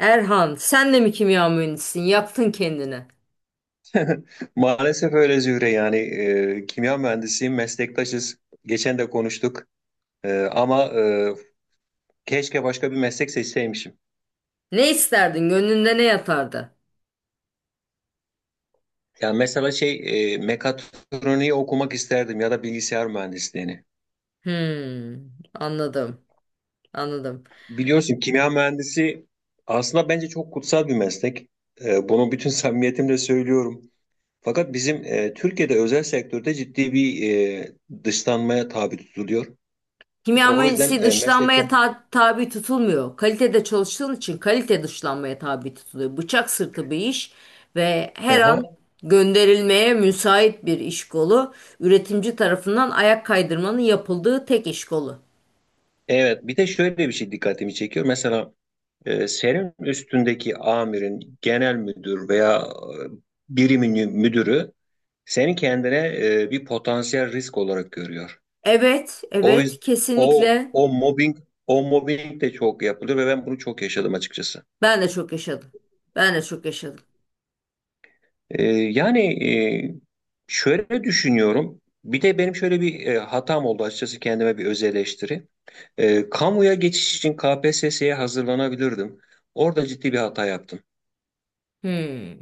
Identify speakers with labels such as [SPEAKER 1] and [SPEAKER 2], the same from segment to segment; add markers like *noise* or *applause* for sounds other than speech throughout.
[SPEAKER 1] Erhan, sen de mi kimya mühendisisin? Yaptın kendini.
[SPEAKER 2] Maalesef öyle Zühre yani kimya mühendisiyim, meslektaşız. Geçen de konuştuk. Ama keşke başka bir meslek seçseymişim.
[SPEAKER 1] Ne isterdin? Gönlünde ne yatardı?
[SPEAKER 2] Yani mesela şey mekatroniği okumak isterdim ya da bilgisayar mühendisliğini.
[SPEAKER 1] Hmm, anladım, anladım.
[SPEAKER 2] Biliyorsun kimya mühendisi aslında bence çok kutsal bir meslek. Bunu bütün *laughs* samimiyetimle söylüyorum. Fakat bizim Türkiye'de özel sektörde ciddi bir e, dışlanmaya tabi tutuluyor.
[SPEAKER 1] Kimya
[SPEAKER 2] O yüzden
[SPEAKER 1] mühendisi dışlanmaya
[SPEAKER 2] meslekten...
[SPEAKER 1] tabi tutulmuyor. Kalitede çalıştığın için kalite dışlanmaya tabi tutuluyor. Bıçak sırtı bir iş ve her an
[SPEAKER 2] *laughs*
[SPEAKER 1] gönderilmeye müsait bir iş kolu. Üretimci tarafından ayak kaydırmanın yapıldığı tek iş kolu.
[SPEAKER 2] Evet, bir de şöyle bir şey dikkatimi çekiyor. Mesela senin üstündeki amirin, genel müdür veya birimin müdürü seni kendine bir potansiyel risk olarak görüyor.
[SPEAKER 1] Evet,
[SPEAKER 2] O
[SPEAKER 1] evet,
[SPEAKER 2] yüz- o
[SPEAKER 1] kesinlikle
[SPEAKER 2] o mobbing o mobbing de çok yapılıyor ve ben bunu çok yaşadım açıkçası.
[SPEAKER 1] ben de çok yaşadım. Ben de çok yaşadım.
[SPEAKER 2] Yani e, şöyle düşünüyorum. Bir de benim şöyle bir hatam oldu açıkçası kendime bir öz eleştiri. Kamuya geçiş için KPSS'ye hazırlanabilirdim. Orada ciddi bir hata yaptım.
[SPEAKER 1] Hmm.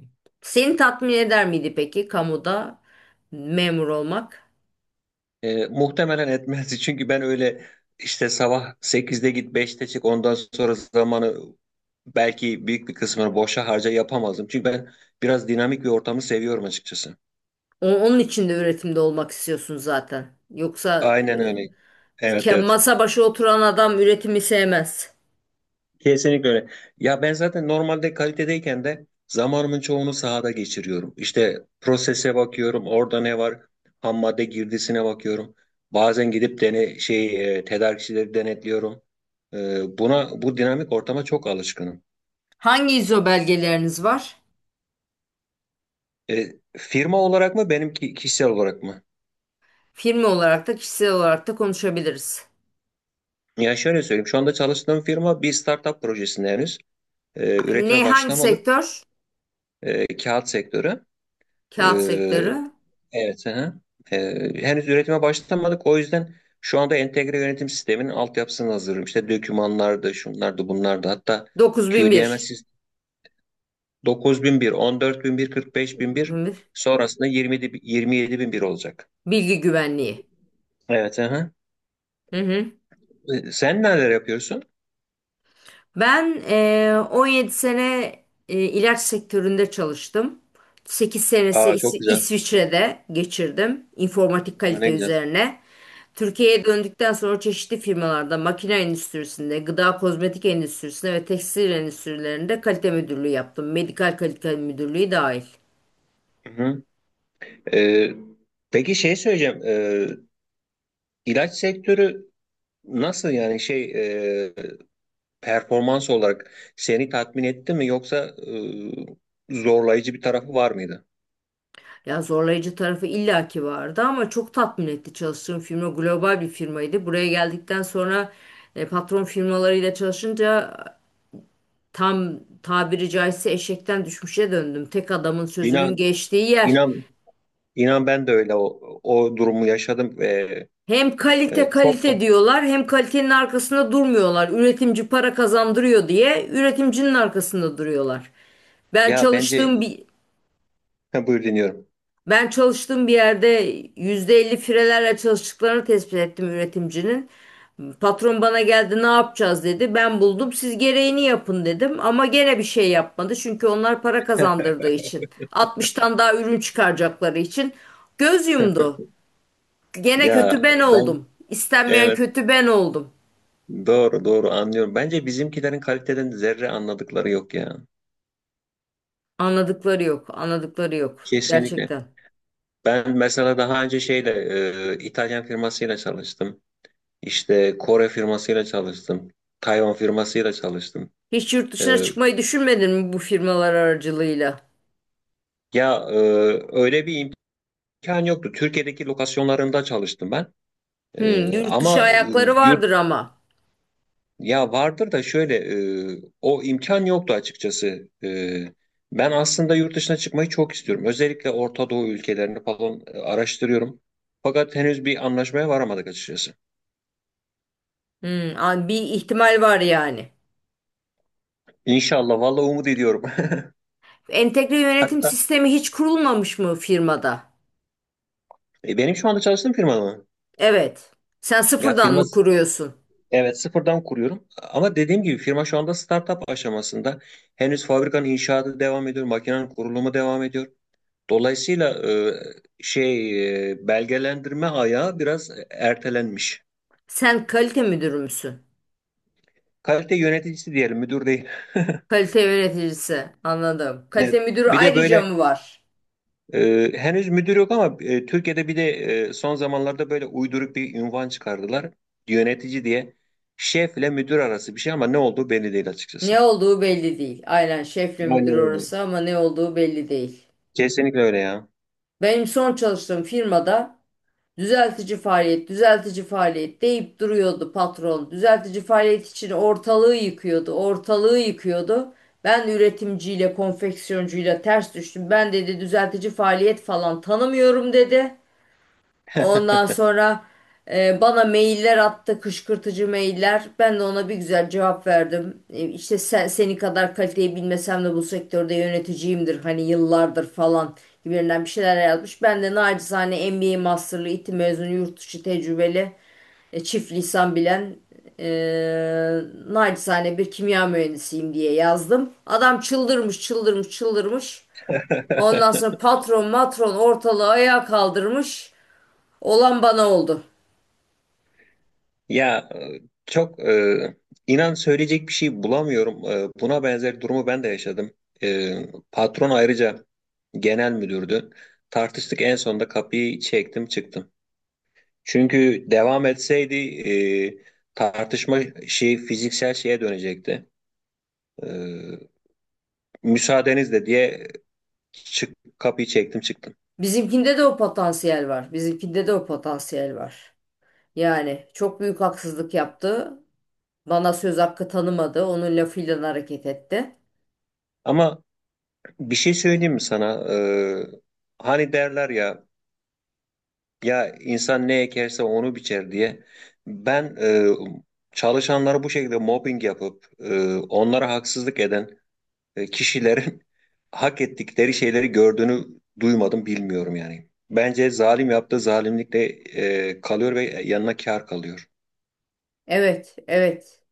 [SPEAKER 1] Seni tatmin eder miydi peki kamuda memur olmak?
[SPEAKER 2] Muhtemelen etmez *laughs* çünkü ben öyle işte sabah 8'de git 5'te çık ondan sonra zamanı belki büyük bir kısmını boşa harca yapamazdım. Çünkü ben biraz dinamik bir ortamı seviyorum açıkçası.
[SPEAKER 1] Onun için de üretimde olmak istiyorsun zaten. Yoksa
[SPEAKER 2] Aynen öyle. Evet, evet.
[SPEAKER 1] masa başı oturan adam üretimi sevmez.
[SPEAKER 2] Kesinlikle öyle. Ya ben zaten normalde kalitedeyken de zamanımın çoğunu sahada geçiriyorum. İşte prosese bakıyorum, orada ne var, ham madde girdisine bakıyorum. Bazen gidip şey tedarikçileri denetliyorum. E, buna Bu dinamik ortama çok alışkınım.
[SPEAKER 1] Hangi ISO belgeleriniz var?
[SPEAKER 2] Firma olarak mı benimki kişisel olarak mı?
[SPEAKER 1] Firma olarak da kişisel olarak da konuşabiliriz.
[SPEAKER 2] Ya şöyle söyleyeyim, şu anda çalıştığım firma bir startup projesinde henüz. Üretime
[SPEAKER 1] Ne hangi
[SPEAKER 2] başlamadık.
[SPEAKER 1] sektör?
[SPEAKER 2] Kağıt sektörü. E,
[SPEAKER 1] Kağıt sektörü.
[SPEAKER 2] Evet. Hı hı. Henüz üretime başlamadık. O yüzden şu anda entegre yönetim sisteminin altyapısını hazırlıyorum. İşte dokümanlar da, şunlar da, bunlar da. Hatta
[SPEAKER 1] 9001.
[SPEAKER 2] QDMS 45001.
[SPEAKER 1] 9001.
[SPEAKER 2] Sonrasında 27001 olacak.
[SPEAKER 1] Bilgi güvenliği.
[SPEAKER 2] Evet. Hı hı.
[SPEAKER 1] Hı hı.
[SPEAKER 2] Sen neler yapıyorsun?
[SPEAKER 1] Ben 17 sene ilaç sektöründe çalıştım. 8 senesi
[SPEAKER 2] Aa, çok güzel.
[SPEAKER 1] İsviçre'de geçirdim informatik kalite
[SPEAKER 2] Ne güzel.
[SPEAKER 1] üzerine. Türkiye'ye döndükten sonra çeşitli firmalarda makine endüstrisinde, gıda kozmetik endüstrisinde ve tekstil endüstrilerinde kalite müdürlüğü yaptım. Medikal kalite müdürlüğü dahil.
[SPEAKER 2] Hı hı. Ee, peki şey söyleyeceğim. İlaç sektörü nasıl yani şey ee, performans olarak seni tatmin etti mi yoksa zorlayıcı bir tarafı var mıydı?
[SPEAKER 1] Ya zorlayıcı tarafı illaki vardı ama çok tatmin etti, çalıştığım firma global bir firmaydı. Buraya geldikten sonra patron firmalarıyla çalışınca tam tabiri caizse eşekten düşmüşe döndüm. Tek adamın sözünün
[SPEAKER 2] İnan
[SPEAKER 1] geçtiği yer.
[SPEAKER 2] inan inan ben de öyle o durumu yaşadım ve
[SPEAKER 1] Hem kalite
[SPEAKER 2] çok da
[SPEAKER 1] kalite diyorlar, hem kalitenin arkasında durmuyorlar. Üretimci para kazandırıyor diye üretimcinin arkasında duruyorlar. Ben
[SPEAKER 2] ya bence
[SPEAKER 1] çalıştığım bir
[SPEAKER 2] *laughs* buyur dinliyorum.
[SPEAKER 1] Ben çalıştığım bir yerde %50 firelerle çalıştıklarını tespit ettim üretimcinin. Patron bana geldi, ne yapacağız dedi. Ben buldum, siz gereğini yapın dedim. Ama gene bir şey yapmadı. Çünkü onlar para kazandırdığı için, 60'tan daha ürün çıkaracakları için. Göz yumdu. Gene
[SPEAKER 2] Ya
[SPEAKER 1] kötü ben
[SPEAKER 2] ben,
[SPEAKER 1] oldum. İstenmeyen
[SPEAKER 2] evet,
[SPEAKER 1] kötü ben oldum.
[SPEAKER 2] doğru doğru anlıyorum. Bence bizimkilerin kaliteden zerre anladıkları yok ya.
[SPEAKER 1] Anladıkları yok. Anladıkları yok.
[SPEAKER 2] Kesinlikle.
[SPEAKER 1] Gerçekten.
[SPEAKER 2] Ben mesela daha önce şeyle İtalyan firmasıyla çalıştım. İşte Kore firmasıyla çalıştım. Tayvan firmasıyla çalıştım.
[SPEAKER 1] Hiç yurt dışına
[SPEAKER 2] E,
[SPEAKER 1] çıkmayı düşünmedin mi bu firmalar aracılığıyla?
[SPEAKER 2] Ya öyle bir imkan yoktu. Türkiye'deki lokasyonlarında çalıştım ben.
[SPEAKER 1] Hmm, yurt
[SPEAKER 2] Ama
[SPEAKER 1] dışı ayakları vardır
[SPEAKER 2] yurt
[SPEAKER 1] ama.
[SPEAKER 2] ya vardır da şöyle o imkan yoktu açıkçası. Ben aslında yurt dışına çıkmayı çok istiyorum. Özellikle Orta Doğu ülkelerini falan araştırıyorum. Fakat henüz bir anlaşmaya varamadık açıkçası.
[SPEAKER 1] Hmm, bir ihtimal var yani.
[SPEAKER 2] İnşallah, vallahi umut ediyorum.
[SPEAKER 1] Entegre
[SPEAKER 2] *laughs*
[SPEAKER 1] yönetim
[SPEAKER 2] Hatta
[SPEAKER 1] sistemi hiç kurulmamış mı firmada?
[SPEAKER 2] benim şu anda çalıştığım firma mı?
[SPEAKER 1] Evet. Sen
[SPEAKER 2] Ya
[SPEAKER 1] sıfırdan
[SPEAKER 2] firma
[SPEAKER 1] mı kuruyorsun?
[SPEAKER 2] Evet, sıfırdan kuruyorum. Ama dediğim gibi firma şu anda startup aşamasında. Henüz fabrikanın inşaatı devam ediyor, makinenin kurulumu devam ediyor. Dolayısıyla şey belgelendirme ayağı biraz ertelenmiş.
[SPEAKER 1] Sen kalite müdürü müsün?
[SPEAKER 2] Kalite yöneticisi diyelim, müdür değil.
[SPEAKER 1] Kalite yöneticisi. Anladım.
[SPEAKER 2] Evet.
[SPEAKER 1] Kalite müdürü
[SPEAKER 2] Bir de
[SPEAKER 1] ayrıca
[SPEAKER 2] böyle
[SPEAKER 1] mı var?
[SPEAKER 2] henüz müdür yok ama Türkiye'de bir de son zamanlarda böyle uyduruk bir unvan çıkardılar. Yönetici diye. Şefle müdür arası bir şey ama ne olduğu belli değil
[SPEAKER 1] Ne
[SPEAKER 2] açıkçası.
[SPEAKER 1] olduğu belli değil. Aynen şefle müdür
[SPEAKER 2] Aynen öyle.
[SPEAKER 1] orası, ama ne olduğu belli değil.
[SPEAKER 2] Kesinlikle öyle ya.
[SPEAKER 1] Benim son çalıştığım firmada düzeltici faaliyet, düzeltici faaliyet deyip duruyordu patron. Düzeltici faaliyet için ortalığı yıkıyordu, ortalığı yıkıyordu. Ben üretimciyle, konfeksiyoncuyla ters düştüm. Ben dedi düzeltici faaliyet falan tanımıyorum dedi. Ondan
[SPEAKER 2] *laughs*
[SPEAKER 1] sonra bana mailler attı, kışkırtıcı mailler. Ben de ona bir güzel cevap verdim. E, işte sen, seni kadar kaliteyi bilmesem de bu sektörde yöneticiyimdir. Hani yıllardır falan gibilerinden bir şeyler yazmış. Ben de nacizane MBA masterlı, İTÜ mezunu, yurt dışı tecrübeli, çift lisan bilen, e, nacizane bir kimya mühendisiyim diye yazdım. Adam çıldırmış, çıldırmış, çıldırmış. Ondan sonra patron matron ortalığı ayağa kaldırmış. Olan bana oldu.
[SPEAKER 2] Ya çok inan söyleyecek bir şey bulamıyorum. Buna benzer durumu ben de yaşadım. E, Patron ayrıca genel müdürdü. Tartıştık en sonunda kapıyı çektim çıktım. Çünkü devam etseydi tartışma şey fiziksel şeye dönecekti. E, Müsaadenizle diye kapıyı çektim çıktım.
[SPEAKER 1] Bizimkinde de o potansiyel var. Bizimkinde de o potansiyel var. Yani çok büyük haksızlık yaptı. Bana söz hakkı tanımadı. Onun lafıyla hareket etti.
[SPEAKER 2] Ama bir şey söyleyeyim mi sana? Hani derler ya. Ya insan ne ekerse onu biçer diye ben çalışanları bu şekilde mobbing yapıp onlara haksızlık eden kişilerin *laughs* hak ettikleri şeyleri gördüğünü duymadım bilmiyorum yani. Bence zalim yaptığı zalimlikle kalıyor ve yanına kâr kalıyor.
[SPEAKER 1] Evet, evet.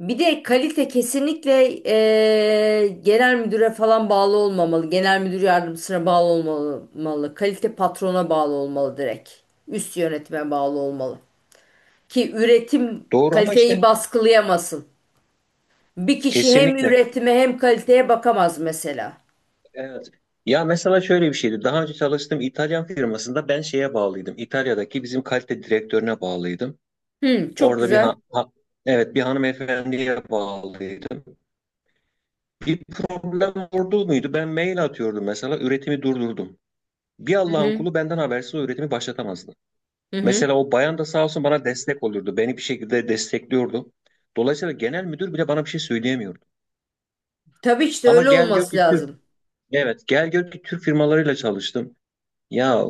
[SPEAKER 1] Bir de kalite kesinlikle genel müdüre falan bağlı olmamalı. Genel müdür yardımcısına bağlı olmalı. Kalite patrona bağlı olmalı direkt. Üst yönetime bağlı olmalı. Ki üretim
[SPEAKER 2] Doğru ama
[SPEAKER 1] kaliteyi
[SPEAKER 2] işte
[SPEAKER 1] baskılayamasın. Bir kişi hem
[SPEAKER 2] kesinlikle.
[SPEAKER 1] üretime hem kaliteye bakamaz mesela.
[SPEAKER 2] Evet. Ya mesela şöyle bir şeydi. Daha önce çalıştığım İtalyan firmasında ben şeye bağlıydım. İtalya'daki bizim kalite direktörüne bağlıydım.
[SPEAKER 1] Hı, çok
[SPEAKER 2] Orada
[SPEAKER 1] güzel.
[SPEAKER 2] evet, bir hanımefendiye bağlıydım. Bir problem oldu muydu? Ben mail atıyordum mesela üretimi durdurdum. Bir
[SPEAKER 1] Hı
[SPEAKER 2] Allah'ın
[SPEAKER 1] hı,
[SPEAKER 2] kulu benden habersiz o üretimi başlatamazdı.
[SPEAKER 1] hı hı.
[SPEAKER 2] Mesela o bayan da sağ olsun bana destek olurdu. Beni bir şekilde destekliyordu. Dolayısıyla genel müdür bile bana bir şey söyleyemiyordu.
[SPEAKER 1] Tabii işte
[SPEAKER 2] Ama
[SPEAKER 1] öyle
[SPEAKER 2] gel gör
[SPEAKER 1] olması
[SPEAKER 2] ki Türk,
[SPEAKER 1] lazım.
[SPEAKER 2] evet, gel gör ki Türk firmalarıyla çalıştım. Ya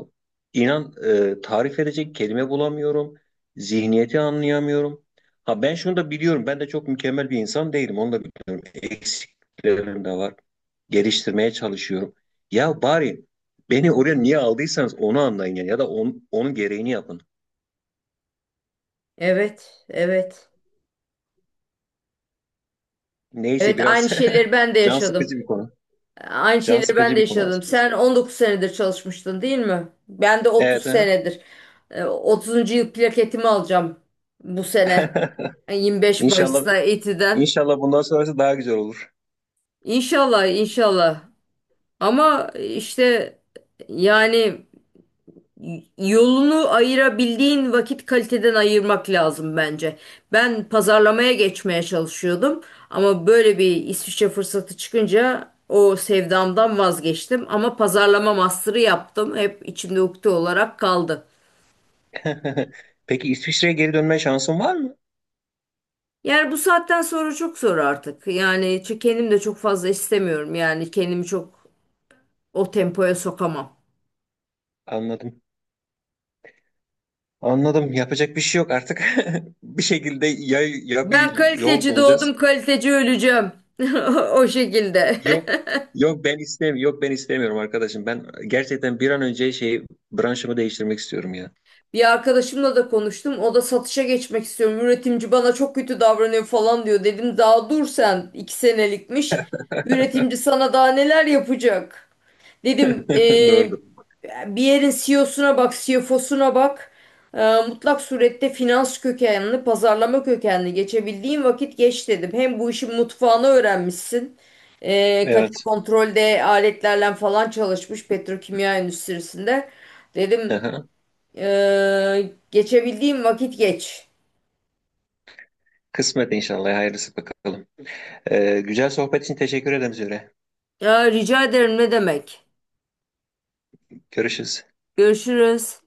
[SPEAKER 2] inan tarif edecek kelime bulamıyorum. Zihniyeti anlayamıyorum. Ha ben şunu da biliyorum. Ben de çok mükemmel bir insan değilim. Onu da biliyorum. Eksiklerim de var. Geliştirmeye çalışıyorum. Ya bari beni oraya niye aldıysanız onu anlayın yani. Ya da onun gereğini yapın.
[SPEAKER 1] Evet, evet.
[SPEAKER 2] Neyse
[SPEAKER 1] Evet, aynı
[SPEAKER 2] biraz
[SPEAKER 1] şeyleri ben de
[SPEAKER 2] *laughs* can
[SPEAKER 1] yaşadım.
[SPEAKER 2] sıkıcı bir konu.
[SPEAKER 1] Aynı
[SPEAKER 2] Can
[SPEAKER 1] şeyleri ben
[SPEAKER 2] sıkıcı
[SPEAKER 1] de
[SPEAKER 2] bir konu
[SPEAKER 1] yaşadım.
[SPEAKER 2] açıkçası.
[SPEAKER 1] Sen 19 senedir çalışmıştın değil mi? Ben de 30
[SPEAKER 2] Evet. Aha.
[SPEAKER 1] senedir. 30. yıl plaketimi alacağım bu sene.
[SPEAKER 2] *laughs*
[SPEAKER 1] E, Yirmi beş
[SPEAKER 2] İnşallah
[SPEAKER 1] Mayıs'ta İTÜ'den.
[SPEAKER 2] inşallah bundan sonrası daha güzel olur.
[SPEAKER 1] İnşallah, inşallah. Ama işte yani yolunu ayırabildiğin vakit kaliteden ayırmak lazım bence. Ben pazarlamaya geçmeye çalışıyordum, ama böyle bir İsviçre fırsatı çıkınca o sevdamdan vazgeçtim, ama pazarlama master'ı yaptım. Hep içimde ukde olarak kaldı.
[SPEAKER 2] *laughs* Peki İsviçre'ye geri dönme şansın var mı?
[SPEAKER 1] Yani bu saatten sonra çok zor artık. Yani çünkü kendim de çok fazla istemiyorum. Yani kendimi çok o tempoya sokamam.
[SPEAKER 2] Anladım. Anladım. Yapacak bir şey yok artık. *laughs* Bir şekilde ya bir
[SPEAKER 1] Ben
[SPEAKER 2] yol
[SPEAKER 1] kaliteci
[SPEAKER 2] bulacağız.
[SPEAKER 1] doğdum, kaliteci öleceğim. *laughs* O şekilde.
[SPEAKER 2] Yok.
[SPEAKER 1] *laughs*
[SPEAKER 2] Yok ben istemiyorum. Yok ben istemiyorum arkadaşım. Ben gerçekten bir an önce şey branşımı değiştirmek istiyorum ya.
[SPEAKER 1] Bir arkadaşımla da konuştum. O da satışa geçmek istiyorum, üretimci bana çok kötü davranıyor falan diyor. Dedim daha dur sen, 2 senelikmiş. Üretimci sana daha neler yapacak? Dedim
[SPEAKER 2] *laughs* Doğru.
[SPEAKER 1] bir yerin CEO'suna bak, CFO'suna bak. Mutlak surette finans kökenli, pazarlama kökenli geçebildiğin vakit geç dedim. Hem bu işin mutfağını öğrenmişsin. Kalite
[SPEAKER 2] Evet.
[SPEAKER 1] kontrolde aletlerle falan çalışmış petrokimya endüstrisinde. Dedim
[SPEAKER 2] Aha.
[SPEAKER 1] geçebildiğim vakit geç.
[SPEAKER 2] Kısmet inşallah. Hayırlısı bakalım. Güzel sohbet için teşekkür ederim Zühre.
[SPEAKER 1] Ya rica ederim, ne demek.
[SPEAKER 2] Görüşürüz.
[SPEAKER 1] Görüşürüz.